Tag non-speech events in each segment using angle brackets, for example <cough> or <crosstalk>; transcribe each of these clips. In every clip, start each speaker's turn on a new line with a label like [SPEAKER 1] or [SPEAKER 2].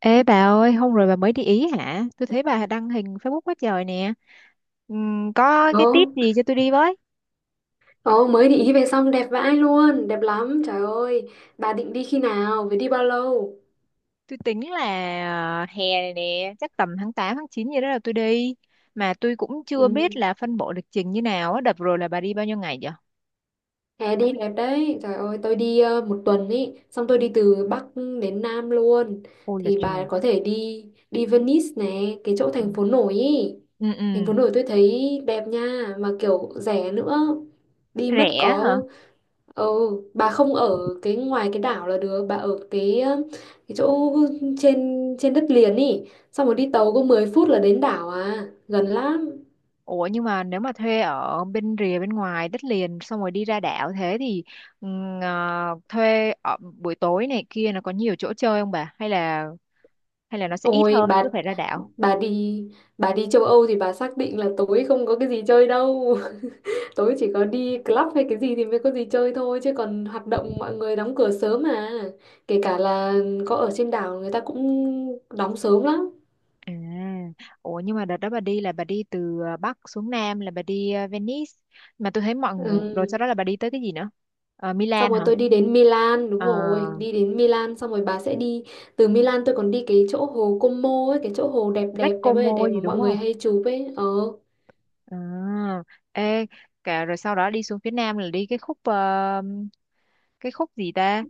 [SPEAKER 1] Ê bà ơi, hôm rồi bà mới đi Ý hả? Tôi thấy bà đăng hình Facebook quá trời nè. Có
[SPEAKER 2] Ồ,
[SPEAKER 1] cái tip gì cho tôi đi với?
[SPEAKER 2] ồ, mới định đi về xong đẹp vãi luôn, đẹp lắm, trời ơi. Bà định đi khi nào, với đi bao lâu?
[SPEAKER 1] Tôi tính là hè này nè, chắc tầm tháng 8, tháng 9 gì đó là tôi đi. Mà tôi cũng chưa
[SPEAKER 2] Ừ,
[SPEAKER 1] biết là phân bổ lịch trình như nào á. Đợt rồi là bà đi bao nhiêu ngày vậy?
[SPEAKER 2] hè đi đẹp đấy, trời ơi, tôi đi một tuần ý, xong tôi đi từ Bắc đến Nam luôn.
[SPEAKER 1] Ôi là
[SPEAKER 2] Thì
[SPEAKER 1] trời.
[SPEAKER 2] bà có thể đi đi Venice này, cái chỗ
[SPEAKER 1] Ừ.
[SPEAKER 2] thành phố nổi ý.
[SPEAKER 1] Ừ,
[SPEAKER 2] Thành phố
[SPEAKER 1] ừ.
[SPEAKER 2] nổi tôi thấy đẹp nha, mà kiểu rẻ nữa. Đi mất
[SPEAKER 1] Rẻ
[SPEAKER 2] có.
[SPEAKER 1] hả?
[SPEAKER 2] Ừ, bà không ở cái ngoài cái đảo là được, bà ở cái chỗ trên trên đất liền ý, xong rồi đi tàu có 10 phút là đến đảo à, gần lắm.
[SPEAKER 1] Ủa nhưng mà nếu mà thuê ở bên rìa bên ngoài đất liền xong rồi đi ra đảo thế thì thuê ở buổi tối này kia nó có nhiều chỗ chơi không bà? Hay là nó sẽ ít
[SPEAKER 2] Ôi
[SPEAKER 1] hơn
[SPEAKER 2] bà
[SPEAKER 1] cứ phải ra đảo.
[SPEAKER 2] bà đi bà đi châu Âu thì bà xác định là tối không có cái gì chơi đâu. <laughs> Tối chỉ có đi club hay cái gì thì mới có gì chơi thôi chứ còn hoạt động mọi người đóng cửa sớm mà. Kể cả là có ở trên đảo người ta cũng đóng sớm lắm.
[SPEAKER 1] à Ủa nhưng mà đợt đó bà đi là bà đi từ Bắc xuống Nam là Venice mà tôi thấy mọi người, rồi sau đó
[SPEAKER 2] Ừ.
[SPEAKER 1] là bà đi tới cái gì nữa?
[SPEAKER 2] Xong
[SPEAKER 1] Milan
[SPEAKER 2] rồi
[SPEAKER 1] hả?
[SPEAKER 2] tôi đi đến Milan, đúng
[SPEAKER 1] Ờ,
[SPEAKER 2] rồi, đi đến Milan xong rồi bà sẽ đi từ Milan tôi còn đi cái chỗ hồ Como ấy, cái chỗ hồ đẹp đẹp
[SPEAKER 1] Lake
[SPEAKER 2] đẹp ơi là
[SPEAKER 1] Como
[SPEAKER 2] đẹp
[SPEAKER 1] gì
[SPEAKER 2] mà
[SPEAKER 1] đúng
[SPEAKER 2] mọi người
[SPEAKER 1] không?
[SPEAKER 2] hay chụp ấy. Ờ,
[SPEAKER 1] À ê Cả rồi sau đó đi xuống phía Nam là đi cái khúc gì ta?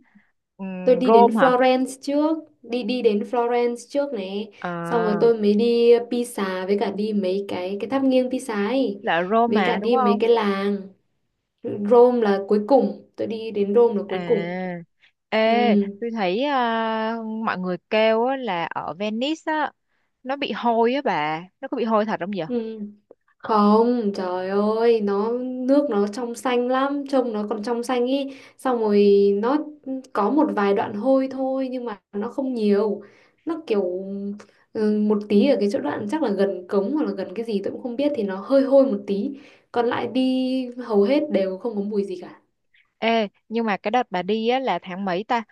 [SPEAKER 2] tôi
[SPEAKER 1] Ừm,
[SPEAKER 2] đi đến
[SPEAKER 1] Rome hả?
[SPEAKER 2] Florence trước, đi đi đến Florence trước này, xong rồi
[SPEAKER 1] à
[SPEAKER 2] tôi mới đi Pisa với cả đi mấy cái tháp nghiêng Pisa ấy,
[SPEAKER 1] là Rome
[SPEAKER 2] với cả
[SPEAKER 1] mà đúng
[SPEAKER 2] đi mấy
[SPEAKER 1] không?
[SPEAKER 2] cái làng. Rome là cuối cùng, tôi đi đến Rome là cuối cùng.
[SPEAKER 1] À, ê,
[SPEAKER 2] Ừ.
[SPEAKER 1] tôi thấy mọi người kêu á, là ở Venice á, nó bị hôi á bà, nó có bị hôi thật không vậy?
[SPEAKER 2] Ừ. Không, trời ơi, nó nước nó trong xanh lắm, trông nó còn trong xanh ý. Xong rồi nó có một vài đoạn hôi thôi nhưng mà nó không nhiều. Nó kiểu ừ, một tí ở cái chỗ đoạn chắc là gần cống hoặc là gần cái gì tôi cũng không biết thì nó hơi hôi một tí. Còn lại đi hầu hết đều không có mùi gì cả.
[SPEAKER 1] Ê, nhưng mà cái đợt bà đi á là tháng mấy ta?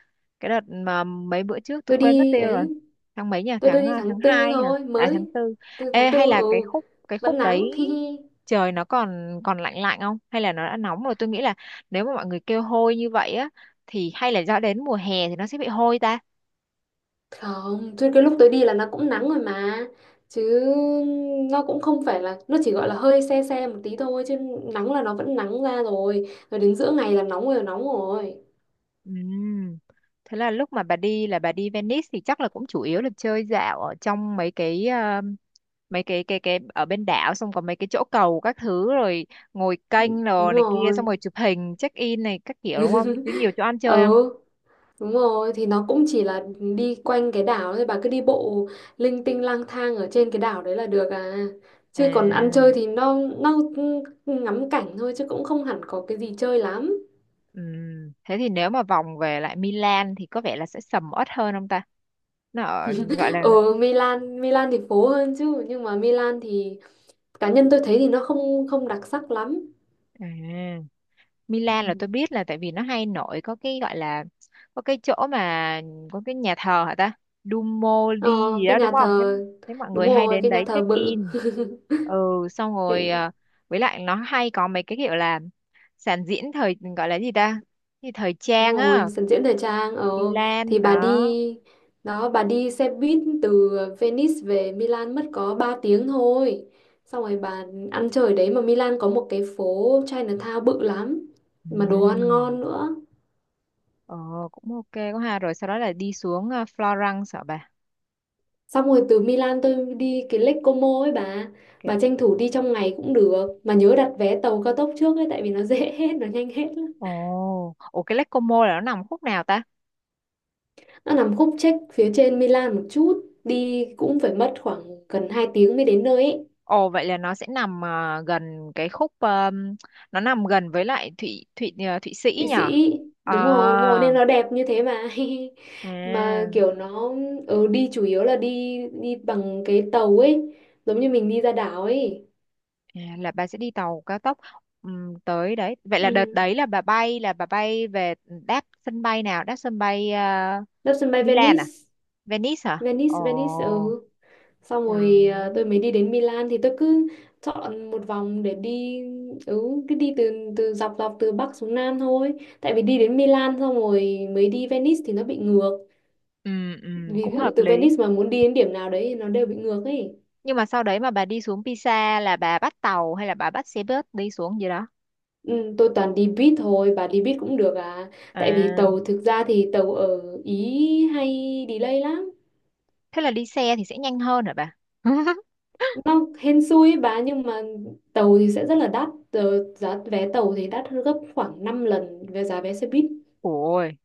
[SPEAKER 1] Cái đợt mà mấy bữa trước tôi
[SPEAKER 2] Tôi
[SPEAKER 1] quên mất
[SPEAKER 2] đi
[SPEAKER 1] tiêu rồi.
[SPEAKER 2] ấy,
[SPEAKER 1] Tháng mấy nhỉ?
[SPEAKER 2] tôi đi
[SPEAKER 1] Tháng
[SPEAKER 2] tháng tư
[SPEAKER 1] 2 hả?
[SPEAKER 2] thôi,
[SPEAKER 1] À, tháng
[SPEAKER 2] mới
[SPEAKER 1] tư
[SPEAKER 2] từ tháng
[SPEAKER 1] Ê,
[SPEAKER 2] tư
[SPEAKER 1] hay là cái
[SPEAKER 2] ừ
[SPEAKER 1] khúc cái
[SPEAKER 2] vẫn
[SPEAKER 1] khúc
[SPEAKER 2] nắng
[SPEAKER 1] đấy
[SPEAKER 2] <laughs> hi hi.
[SPEAKER 1] trời nó còn còn lạnh lạnh không? Hay là nó đã nóng rồi? Tôi nghĩ là nếu mà mọi người kêu hôi như vậy á thì hay là do đến mùa hè thì nó sẽ bị hôi ta.
[SPEAKER 2] Không, chứ cái lúc tới đi là nó cũng nắng rồi mà. Chứ nó cũng không phải là, nó chỉ gọi là hơi se se một tí thôi. Chứ nắng là nó vẫn nắng ra rồi. Rồi đến giữa ngày là nóng rồi, nóng rồi.
[SPEAKER 1] Ừm, Thế là lúc mà bà đi là bà đi Venice thì chắc là cũng chủ yếu là chơi dạo ở trong mấy cái ở bên đảo, xong có mấy cái chỗ cầu các thứ rồi ngồi kênh
[SPEAKER 2] Đúng
[SPEAKER 1] rồi này kia xong
[SPEAKER 2] rồi.
[SPEAKER 1] rồi chụp hình check in này các kiểu đúng không? Có nhiều chỗ
[SPEAKER 2] <laughs>
[SPEAKER 1] ăn chơi không?
[SPEAKER 2] Ừ, đúng rồi. Thì nó cũng chỉ là đi quanh cái đảo thôi. Bà cứ đi bộ linh tinh lang thang ở trên cái đảo đấy là được à. Chứ còn ăn
[SPEAKER 1] À,
[SPEAKER 2] chơi thì nó ngắm cảnh thôi chứ cũng không hẳn có cái gì chơi lắm.
[SPEAKER 1] thế thì nếu mà vòng về lại Milan thì có vẻ là sẽ sầm uất hơn không ta? Nó ở, gọi là
[SPEAKER 2] Ở Milan, Milan thì phố hơn chứ nhưng mà Milan thì cá nhân tôi thấy thì nó không không đặc sắc lắm.
[SPEAKER 1] à,
[SPEAKER 2] Ừ.
[SPEAKER 1] Milan là tôi biết, là tại vì nó hay nổi có cái gọi là có cái chỗ mà có cái nhà thờ hả ta? Duomo
[SPEAKER 2] ờ,
[SPEAKER 1] đi gì
[SPEAKER 2] cái
[SPEAKER 1] đó đúng
[SPEAKER 2] nhà
[SPEAKER 1] không thế?
[SPEAKER 2] thờ,
[SPEAKER 1] Thế mọi
[SPEAKER 2] đúng
[SPEAKER 1] người hay
[SPEAKER 2] rồi,
[SPEAKER 1] đến
[SPEAKER 2] cái nhà
[SPEAKER 1] đấy
[SPEAKER 2] thờ
[SPEAKER 1] check
[SPEAKER 2] bự.
[SPEAKER 1] in,
[SPEAKER 2] <laughs>
[SPEAKER 1] ừ, xong
[SPEAKER 2] cái,
[SPEAKER 1] rồi với lại nó hay có mấy cái kiểu là sản diễn thời gọi là gì ta, thì thời
[SPEAKER 2] đúng
[SPEAKER 1] trang
[SPEAKER 2] rồi,
[SPEAKER 1] á,
[SPEAKER 2] sân diễn thời trang, thì
[SPEAKER 1] Milan
[SPEAKER 2] bà
[SPEAKER 1] đó.
[SPEAKER 2] đi đó, bà đi xe buýt từ Venice về Milan mất có 3 tiếng thôi, xong rồi bà ăn chơi ở đấy, mà Milan có một cái phố Chinatown bự lắm mà đồ ăn
[SPEAKER 1] Ừm.
[SPEAKER 2] ngon nữa.
[SPEAKER 1] Ờ, cũng ok quá ha, rồi sau đó là đi xuống Florence hả bà?
[SPEAKER 2] Xong rồi từ Milan tôi đi cái Lake Como ấy bà
[SPEAKER 1] Cái-
[SPEAKER 2] bà tranh thủ đi trong ngày cũng được mà nhớ đặt vé tàu cao tốc trước ấy tại vì nó <laughs> dễ hết, nó nhanh hết.
[SPEAKER 1] ồ ồ, cái Lake Como là nó nằm khúc nào ta?
[SPEAKER 2] Nó nằm khúc trách phía trên Milan một chút, đi cũng phải mất khoảng gần 2 tiếng mới đến nơi ấy.
[SPEAKER 1] Ồ, vậy là nó sẽ nằm gần cái khúc, nó nằm gần với lại Thụy Thụy à, Thụy Sĩ
[SPEAKER 2] Thụy
[SPEAKER 1] nhỉ?
[SPEAKER 2] Sĩ,
[SPEAKER 1] À,
[SPEAKER 2] đúng rồi, nên nó đẹp như thế mà. <laughs> Mà
[SPEAKER 1] à
[SPEAKER 2] kiểu nó ừ, đi chủ yếu là đi đi bằng cái tàu ấy, giống như mình đi ra đảo ấy.
[SPEAKER 1] là bà sẽ đi tàu cao tốc tới đấy. Vậy là đợt
[SPEAKER 2] Ừ.
[SPEAKER 1] đấy là bà bay về đáp sân bay nào? Đáp sân bay
[SPEAKER 2] Đáp sân bay
[SPEAKER 1] Milan
[SPEAKER 2] Venice,
[SPEAKER 1] à? Venice hả?
[SPEAKER 2] Venice, Venice,
[SPEAKER 1] Ồ.
[SPEAKER 2] ừ. Xong rồi
[SPEAKER 1] Đó.
[SPEAKER 2] tôi mới đi đến Milan thì tôi cứ chọn một vòng để đi, ừ, cứ đi từ từ dọc dọc từ Bắc xuống Nam thôi, tại vì đi đến Milan xong rồi mới đi Venice thì nó bị ngược, ví
[SPEAKER 1] Cũng
[SPEAKER 2] dụ
[SPEAKER 1] hợp
[SPEAKER 2] từ
[SPEAKER 1] lý.
[SPEAKER 2] Venice mà muốn đi đến điểm nào đấy thì nó đều bị ngược ấy.
[SPEAKER 1] Nhưng mà sau đấy mà bà đi xuống Pisa là bà bắt tàu hay là bà bắt xe bus đi xuống gì đó?
[SPEAKER 2] Ừ, tôi toàn đi buýt thôi, và đi buýt cũng được à, tại vì
[SPEAKER 1] À,
[SPEAKER 2] tàu thực ra thì tàu ở Ý hay delay lắm,
[SPEAKER 1] thế là đi xe thì sẽ nhanh hơn hả bà? <laughs>
[SPEAKER 2] nó hên xui ấy bà, nhưng mà tàu thì sẽ rất là đắt. Ờ, giá vé tàu thì đắt hơn gấp khoảng 5 lần về giá vé xe buýt,
[SPEAKER 1] Ôi,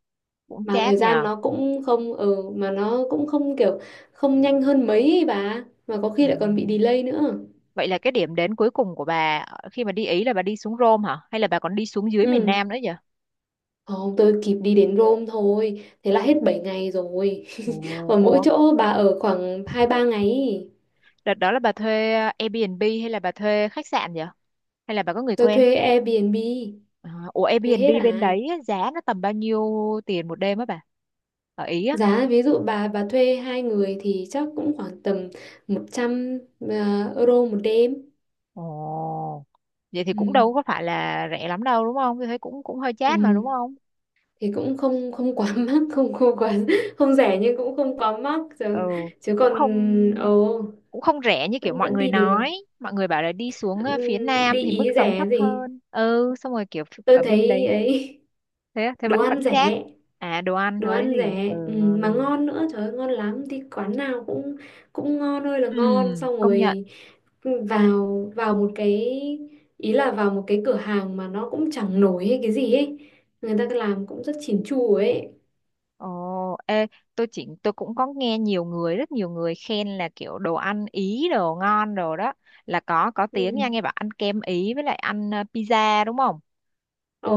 [SPEAKER 1] cũng
[SPEAKER 2] mà thời
[SPEAKER 1] chát
[SPEAKER 2] gian
[SPEAKER 1] nhờ.
[SPEAKER 2] nó cũng không mà nó cũng không kiểu không nhanh hơn mấy ấy bà, mà có
[SPEAKER 1] Ừ.
[SPEAKER 2] khi lại còn bị delay nữa.
[SPEAKER 1] Vậy là cái điểm đến cuối cùng của bà khi mà đi Ý là bà đi xuống Rome hả? Hay là bà còn đi xuống dưới miền
[SPEAKER 2] Ừ,
[SPEAKER 1] Nam nữa vậy?
[SPEAKER 2] không, tôi kịp đi đến Rome thôi, thế là hết 7 ngày rồi. <laughs>
[SPEAKER 1] Ồ,
[SPEAKER 2] Ở mỗi
[SPEAKER 1] ồ.
[SPEAKER 2] chỗ bà ở khoảng hai ba ngày ý.
[SPEAKER 1] Đợt đó là bà thuê Airbnb hay là bà thuê khách sạn vậy? Hay là bà có người
[SPEAKER 2] Tôi
[SPEAKER 1] quen?
[SPEAKER 2] thuê Airbnb,
[SPEAKER 1] À, ủa
[SPEAKER 2] thuê
[SPEAKER 1] Airbnb
[SPEAKER 2] hết à.
[SPEAKER 1] bên đấy á, giá nó tầm bao nhiêu tiền một đêm á bà? Ở Ý á?
[SPEAKER 2] Giá ví dụ bà thuê hai người thì chắc cũng khoảng tầm 100 euro một đêm.
[SPEAKER 1] Ồ. Vậy thì cũng
[SPEAKER 2] Ừ.
[SPEAKER 1] đâu có phải là rẻ lắm đâu đúng không? Tôi thấy cũng cũng hơi
[SPEAKER 2] Ừ,
[SPEAKER 1] chát mà đúng không?
[SPEAKER 2] thì cũng không không quá <laughs> mắc, không không quá <laughs> không rẻ nhưng cũng không quá mắc chứ,
[SPEAKER 1] Ừ,
[SPEAKER 2] chứ
[SPEAKER 1] cũng
[SPEAKER 2] còn
[SPEAKER 1] không
[SPEAKER 2] ồ
[SPEAKER 1] cũng không rẻ như kiểu
[SPEAKER 2] vẫn
[SPEAKER 1] mọi
[SPEAKER 2] vẫn
[SPEAKER 1] người
[SPEAKER 2] đi được.
[SPEAKER 1] nói. Mọi người bảo là đi xuống phía
[SPEAKER 2] Đi
[SPEAKER 1] nam thì mức
[SPEAKER 2] Ý
[SPEAKER 1] sống
[SPEAKER 2] rẻ
[SPEAKER 1] thấp
[SPEAKER 2] gì,
[SPEAKER 1] hơn, ừ, xong rồi kiểu
[SPEAKER 2] tôi
[SPEAKER 1] ở bên đấy.
[SPEAKER 2] thấy ấy.
[SPEAKER 1] Thế á,
[SPEAKER 2] <laughs>
[SPEAKER 1] thế
[SPEAKER 2] Đồ
[SPEAKER 1] vẫn
[SPEAKER 2] ăn
[SPEAKER 1] vẫn chát.
[SPEAKER 2] rẻ,
[SPEAKER 1] À, đồ ăn
[SPEAKER 2] đồ
[SPEAKER 1] thôi
[SPEAKER 2] ăn
[SPEAKER 1] gì? Ừ
[SPEAKER 2] rẻ, ừ, mà ngon nữa, trời ơi ngon lắm, đi quán nào cũng cũng ngon ơi là
[SPEAKER 1] Ừ.
[SPEAKER 2] ngon, xong
[SPEAKER 1] Công nhận.
[SPEAKER 2] rồi ừ, vào vào một cái, ý là vào một cái cửa hàng mà nó cũng chẳng nổi hay cái gì ấy, người ta làm cũng rất chỉn chu ấy.
[SPEAKER 1] Ồ, ê, tôi cũng có nghe nhiều người rất nhiều người khen là kiểu đồ ăn Ý đồ ngon đồ đó, là có tiếng
[SPEAKER 2] Ừ.
[SPEAKER 1] nha, nghe bảo ăn kem Ý với lại ăn pizza đúng không,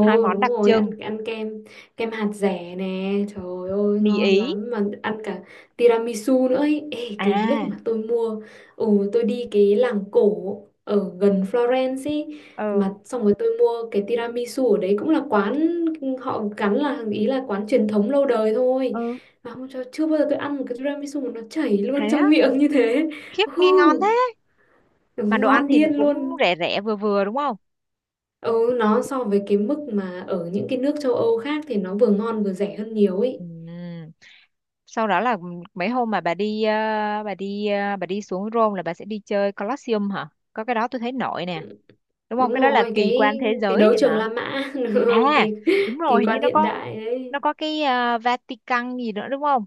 [SPEAKER 1] hai món
[SPEAKER 2] đúng
[SPEAKER 1] đặc
[SPEAKER 2] rồi, ăn
[SPEAKER 1] trưng,
[SPEAKER 2] ăn kem, kem hạt dẻ nè trời ơi
[SPEAKER 1] mì Ý.
[SPEAKER 2] ngon lắm, mà ăn cả tiramisu nữa ấy. Ê, cái lúc
[SPEAKER 1] à
[SPEAKER 2] mà tôi mua, ừ, tôi đi cái làng cổ ở gần Florence ấy,
[SPEAKER 1] ừ,
[SPEAKER 2] mà xong rồi tôi mua cái tiramisu ở đấy, cũng là quán họ gắn là ý là quán truyền thống lâu đời thôi,
[SPEAKER 1] ừ,
[SPEAKER 2] mà không cho, chưa bao giờ tôi ăn một cái tiramisu mà nó chảy
[SPEAKER 1] thế
[SPEAKER 2] luôn
[SPEAKER 1] á,
[SPEAKER 2] trong miệng như thế.
[SPEAKER 1] khiếp
[SPEAKER 2] Ừ,
[SPEAKER 1] nghe ngon. Mà
[SPEAKER 2] đúng
[SPEAKER 1] đồ ăn
[SPEAKER 2] ngon
[SPEAKER 1] thì
[SPEAKER 2] điên
[SPEAKER 1] cũng
[SPEAKER 2] luôn.
[SPEAKER 1] rẻ rẻ vừa vừa đúng không?
[SPEAKER 2] Ừ, nó so với cái mức mà ở những cái nước châu Âu khác thì nó vừa ngon vừa rẻ hơn nhiều ấy.
[SPEAKER 1] Ừm. Sau đó là mấy hôm mà bà đi xuống Rome là bà sẽ đi chơi Colosseum hả, có cái đó tôi thấy nổi nè đúng không,
[SPEAKER 2] Đúng
[SPEAKER 1] cái đó là
[SPEAKER 2] rồi,
[SPEAKER 1] kỳ
[SPEAKER 2] cái
[SPEAKER 1] quan thế
[SPEAKER 2] cái
[SPEAKER 1] giới
[SPEAKER 2] đấu
[SPEAKER 1] thì
[SPEAKER 2] trường
[SPEAKER 1] mà.
[SPEAKER 2] La Mã, <laughs> đúng không?
[SPEAKER 1] à
[SPEAKER 2] Kỳ
[SPEAKER 1] Đúng rồi,
[SPEAKER 2] kỳ
[SPEAKER 1] hình như
[SPEAKER 2] quan
[SPEAKER 1] nó
[SPEAKER 2] hiện
[SPEAKER 1] có
[SPEAKER 2] đại đấy.
[SPEAKER 1] nó có cái Vatican gì nữa đúng không?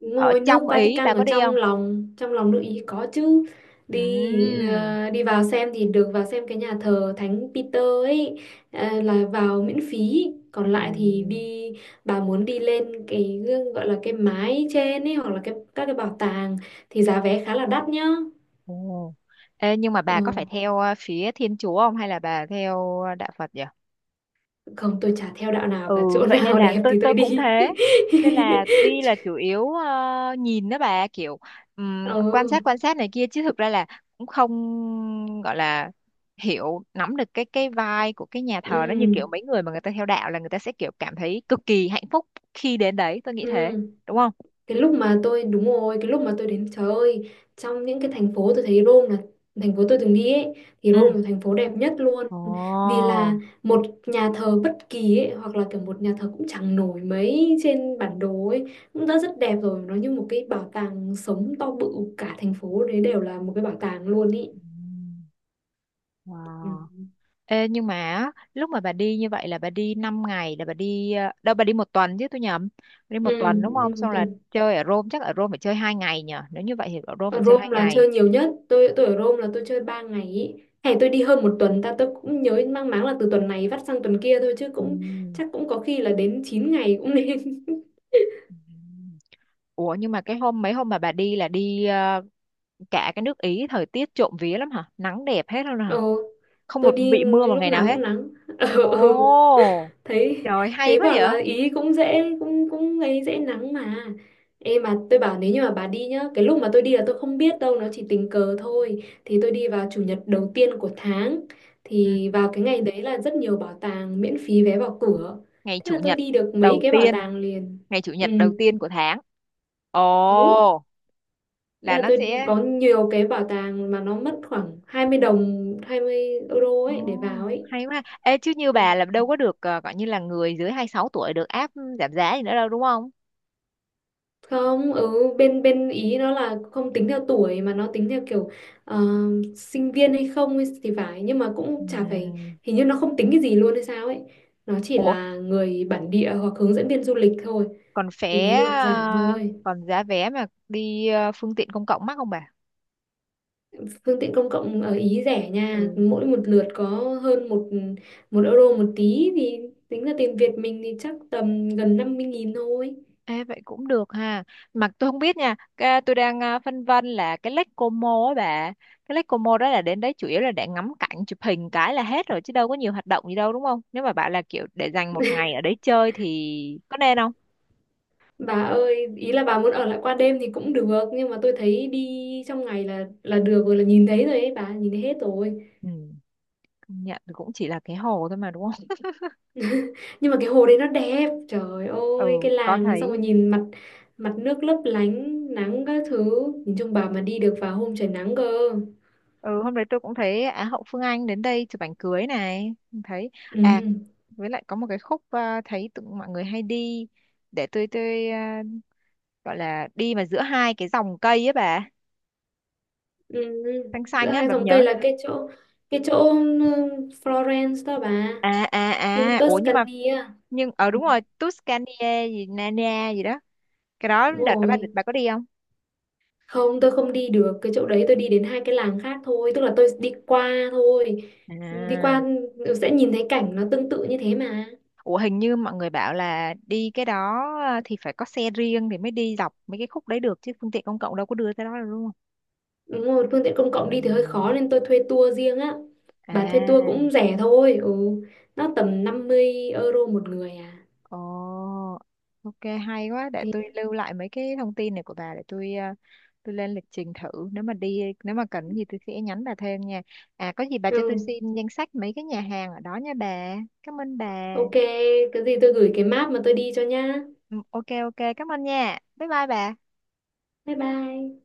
[SPEAKER 2] Đúng
[SPEAKER 1] Ở
[SPEAKER 2] rồi, nước
[SPEAKER 1] trong Ý
[SPEAKER 2] Vatican
[SPEAKER 1] bà
[SPEAKER 2] ở
[SPEAKER 1] có đi không?
[SPEAKER 2] trong lòng nước Ý có chứ. Đi
[SPEAKER 1] Ừm.
[SPEAKER 2] ờ, đi vào xem thì được, vào xem cái nhà thờ Thánh Peter ấy, là vào miễn phí. Còn lại thì
[SPEAKER 1] Ừm.
[SPEAKER 2] đi, bà muốn đi lên cái gọi là cái mái trên ấy, hoặc là cái các cái bảo tàng thì giá vé khá là đắt nhá.
[SPEAKER 1] Ồ. Ê, nhưng mà bà
[SPEAKER 2] Ồ.
[SPEAKER 1] có phải theo phía Thiên Chúa không, hay là bà theo Đạo Phật vậy?
[SPEAKER 2] Không, tôi chả theo đạo nào cả,
[SPEAKER 1] Ừ,
[SPEAKER 2] chỗ
[SPEAKER 1] vậy nên
[SPEAKER 2] nào <laughs>
[SPEAKER 1] là
[SPEAKER 2] đẹp
[SPEAKER 1] tôi
[SPEAKER 2] thì tôi
[SPEAKER 1] tôi cũng
[SPEAKER 2] đi.
[SPEAKER 1] thế,
[SPEAKER 2] <laughs>
[SPEAKER 1] nên là đi là chủ yếu nhìn đó bà, kiểu,
[SPEAKER 2] Ừ,
[SPEAKER 1] quan sát này kia chứ thực ra là cũng không gọi là hiểu nắm được cái vibe của cái nhà thờ đó, như kiểu
[SPEAKER 2] ừ,
[SPEAKER 1] mấy người mà người ta theo đạo là người ta sẽ kiểu cảm thấy cực kỳ hạnh phúc khi đến đấy, tôi nghĩ
[SPEAKER 2] ừ,
[SPEAKER 1] thế đúng không.
[SPEAKER 2] cái lúc mà tôi, đúng rồi, cái lúc mà tôi đến, trời ơi, trong những cái thành phố tôi thấy Rome là thành phố tôi từng đi ấy thì
[SPEAKER 1] Ừ.
[SPEAKER 2] Rome là thành phố đẹp nhất luôn,
[SPEAKER 1] Ồ.
[SPEAKER 2] vì là
[SPEAKER 1] Oh.
[SPEAKER 2] một nhà thờ bất kỳ ấy, hoặc là kiểu một nhà thờ cũng chẳng nổi mấy trên bản đồ ấy cũng đã rất đẹp rồi, nó như một cái bảo tàng sống to bự, cả thành phố đấy đều là một cái bảo tàng luôn ý. Ừ.
[SPEAKER 1] Wow. Ê, nhưng mà á, lúc mà bà đi như vậy là bà đi 5 ngày, là bà đi đâu, bà đi một tuần chứ tôi nhầm. Bà đi một
[SPEAKER 2] Ừ,
[SPEAKER 1] tuần đúng không,
[SPEAKER 2] nhưng mà
[SPEAKER 1] xong là
[SPEAKER 2] tuần,
[SPEAKER 1] chơi ở Rome chắc, ở Rome phải chơi 2 ngày nhở, nếu như vậy thì ở Rome phải
[SPEAKER 2] ở
[SPEAKER 1] chơi hai
[SPEAKER 2] Rome là
[SPEAKER 1] ngày.
[SPEAKER 2] chơi nhiều nhất. Tôi ở Rome là tôi chơi 3 ngày ý. Hay tôi đi hơn một tuần ta, tôi cũng nhớ mang máng là từ tuần này vắt sang tuần kia thôi, chứ cũng
[SPEAKER 1] Ừm.
[SPEAKER 2] chắc cũng có khi là đến 9 ngày cũng nên. <laughs>
[SPEAKER 1] Ừm. Ủa nhưng mà cái hôm mấy hôm mà bà đi là đi cả cái nước Ý thời tiết trộm vía lắm hả, nắng đẹp hết luôn hả,
[SPEAKER 2] Ờ,
[SPEAKER 1] không
[SPEAKER 2] tôi
[SPEAKER 1] một
[SPEAKER 2] đi
[SPEAKER 1] bị mưa một
[SPEAKER 2] lúc
[SPEAKER 1] ngày nào
[SPEAKER 2] nào cũng
[SPEAKER 1] hết.
[SPEAKER 2] nắng. <laughs> Ờ, ờ.
[SPEAKER 1] Ồ,
[SPEAKER 2] thấy
[SPEAKER 1] trời hay
[SPEAKER 2] thấy
[SPEAKER 1] quá
[SPEAKER 2] bảo
[SPEAKER 1] vậy.
[SPEAKER 2] là ý cũng dễ, cũng cũng ấy dễ nắng mà, em mà tôi bảo nếu như mà bà đi nhá, cái lúc mà tôi đi là tôi không biết đâu, nó chỉ tình cờ thôi, thì tôi đi vào chủ nhật đầu tiên của tháng
[SPEAKER 1] Ừ.
[SPEAKER 2] thì vào cái ngày đấy là rất nhiều bảo tàng miễn phí vé vào cửa,
[SPEAKER 1] ngày
[SPEAKER 2] thế
[SPEAKER 1] chủ
[SPEAKER 2] là tôi
[SPEAKER 1] nhật
[SPEAKER 2] đi được mấy
[SPEAKER 1] đầu
[SPEAKER 2] cái bảo
[SPEAKER 1] tiên
[SPEAKER 2] tàng liền,
[SPEAKER 1] Ngày chủ
[SPEAKER 2] ừ,
[SPEAKER 1] nhật đầu tiên của tháng.
[SPEAKER 2] đúng,
[SPEAKER 1] Ồ,
[SPEAKER 2] thế
[SPEAKER 1] là
[SPEAKER 2] là
[SPEAKER 1] nó
[SPEAKER 2] tôi
[SPEAKER 1] sẽ.
[SPEAKER 2] có nhiều cái bảo tàng mà nó mất khoảng 20 đồng 20 euro
[SPEAKER 1] Ồ,
[SPEAKER 2] ấy để vào ấy.
[SPEAKER 1] hay quá. Ha. Ê, chứ như bà
[SPEAKER 2] Ừ.
[SPEAKER 1] là đâu có được gọi như là người dưới 26 tuổi được áp giảm giá gì nữa đâu đúng không?
[SPEAKER 2] Không ở bên bên ý nó là không tính theo tuổi mà nó tính theo kiểu ờ, sinh viên hay không ấy thì phải, nhưng mà cũng chả phải,
[SPEAKER 1] Ừm.
[SPEAKER 2] hình như nó không tính cái gì luôn hay sao ấy, nó chỉ
[SPEAKER 1] Ủa,
[SPEAKER 2] là người bản địa hoặc hướng dẫn viên du lịch thôi thì mới được giảm thôi.
[SPEAKER 1] còn giá vé mà đi phương tiện công cộng mắc không bà?
[SPEAKER 2] Phương tiện công cộng ở Ý rẻ nha,
[SPEAKER 1] Ừ.
[SPEAKER 2] mỗi một lượt có hơn một một euro một tí thì tính ra tiền Việt mình thì chắc tầm gần 50.000 thôi.
[SPEAKER 1] Ê, vậy cũng được ha. Mà tôi không biết nha, tôi đang phân vân là cái Lake Como á bà. Cái Lake Como đó là đến đấy chủ yếu là để ngắm cảnh, chụp hình cái là hết rồi chứ đâu có nhiều hoạt động gì đâu đúng không? Nếu mà bảo là kiểu để dành một ngày ở đấy chơi thì có nên không?
[SPEAKER 2] Bà ơi, ý là bà muốn ở lại qua đêm thì cũng được, nhưng mà tôi thấy đi trong ngày là được rồi, là nhìn thấy rồi ấy bà, nhìn thấy hết rồi.
[SPEAKER 1] Ừ. Công nhận thì cũng chỉ là cái hồ thôi mà đúng không? <laughs>
[SPEAKER 2] Nhưng mà cái hồ đấy nó đẹp, trời ơi,
[SPEAKER 1] Ừ,
[SPEAKER 2] cái
[SPEAKER 1] có
[SPEAKER 2] làng đấy, xong
[SPEAKER 1] thấy.
[SPEAKER 2] rồi nhìn mặt, mặt nước lấp lánh, nắng các thứ, nhìn chung bà mà đi được vào hôm trời nắng cơ.
[SPEAKER 1] Ừ, hôm đấy tôi cũng thấy Á hậu Phương Anh đến đây chụp ảnh cưới này. Cũng thấy. À,
[SPEAKER 2] Ừ,
[SPEAKER 1] với lại có một cái khúc thấy tụi mọi người hay đi. Để tôi gọi là đi mà giữa hai cái dòng cây ấy bà.
[SPEAKER 2] ừ.
[SPEAKER 1] Xanh
[SPEAKER 2] Giữa
[SPEAKER 1] xanh á,
[SPEAKER 2] hai
[SPEAKER 1] bà
[SPEAKER 2] dòng
[SPEAKER 1] nhớ.
[SPEAKER 2] cây là cái chỗ, cái chỗ ừ, Florence đó bà,
[SPEAKER 1] À, à,
[SPEAKER 2] khu
[SPEAKER 1] à. Ủa nhưng mà,
[SPEAKER 2] Tuscany á.
[SPEAKER 1] nhưng, ờ
[SPEAKER 2] Ừ,
[SPEAKER 1] đúng rồi. Tuscany gì, Nania gì đó. Cái đó
[SPEAKER 2] đúng
[SPEAKER 1] đợt đó bà,
[SPEAKER 2] rồi.
[SPEAKER 1] bà có đi không?
[SPEAKER 2] Không, tôi không đi được cái chỗ đấy, tôi đi đến hai cái làng khác thôi, tức là tôi đi qua thôi. Đi
[SPEAKER 1] À.
[SPEAKER 2] qua ừ, sẽ nhìn thấy cảnh nó tương tự như thế mà.
[SPEAKER 1] Ủa hình như mọi người bảo là đi cái đó thì phải có xe riêng thì mới đi dọc mấy cái khúc đấy được chứ phương tiện công cộng đâu có đưa tới đó được đúng không?
[SPEAKER 2] Đúng rồi, phương tiện công cộng đi thì hơi
[SPEAKER 1] Ừm.
[SPEAKER 2] khó nên tôi thuê tour riêng á. Bà thuê tour
[SPEAKER 1] À,
[SPEAKER 2] cũng rẻ thôi, ừ. Nó tầm 50 euro một người à.
[SPEAKER 1] ồ, ok, hay quá. Để
[SPEAKER 2] Thế.
[SPEAKER 1] tôi lưu lại mấy cái thông tin này của bà để tôi lên lịch trình thử. Nếu mà cần gì tôi sẽ nhắn bà thêm nha. À, có gì bà cho tôi
[SPEAKER 2] Ừ,
[SPEAKER 1] xin danh sách mấy cái nhà hàng ở đó nha bà. Cảm ơn bà.
[SPEAKER 2] ok, cái gì tôi gửi cái map mà tôi đi cho nhá.
[SPEAKER 1] Ừ, Ok ok cảm ơn nha. Bye bye bà.
[SPEAKER 2] Bye bye.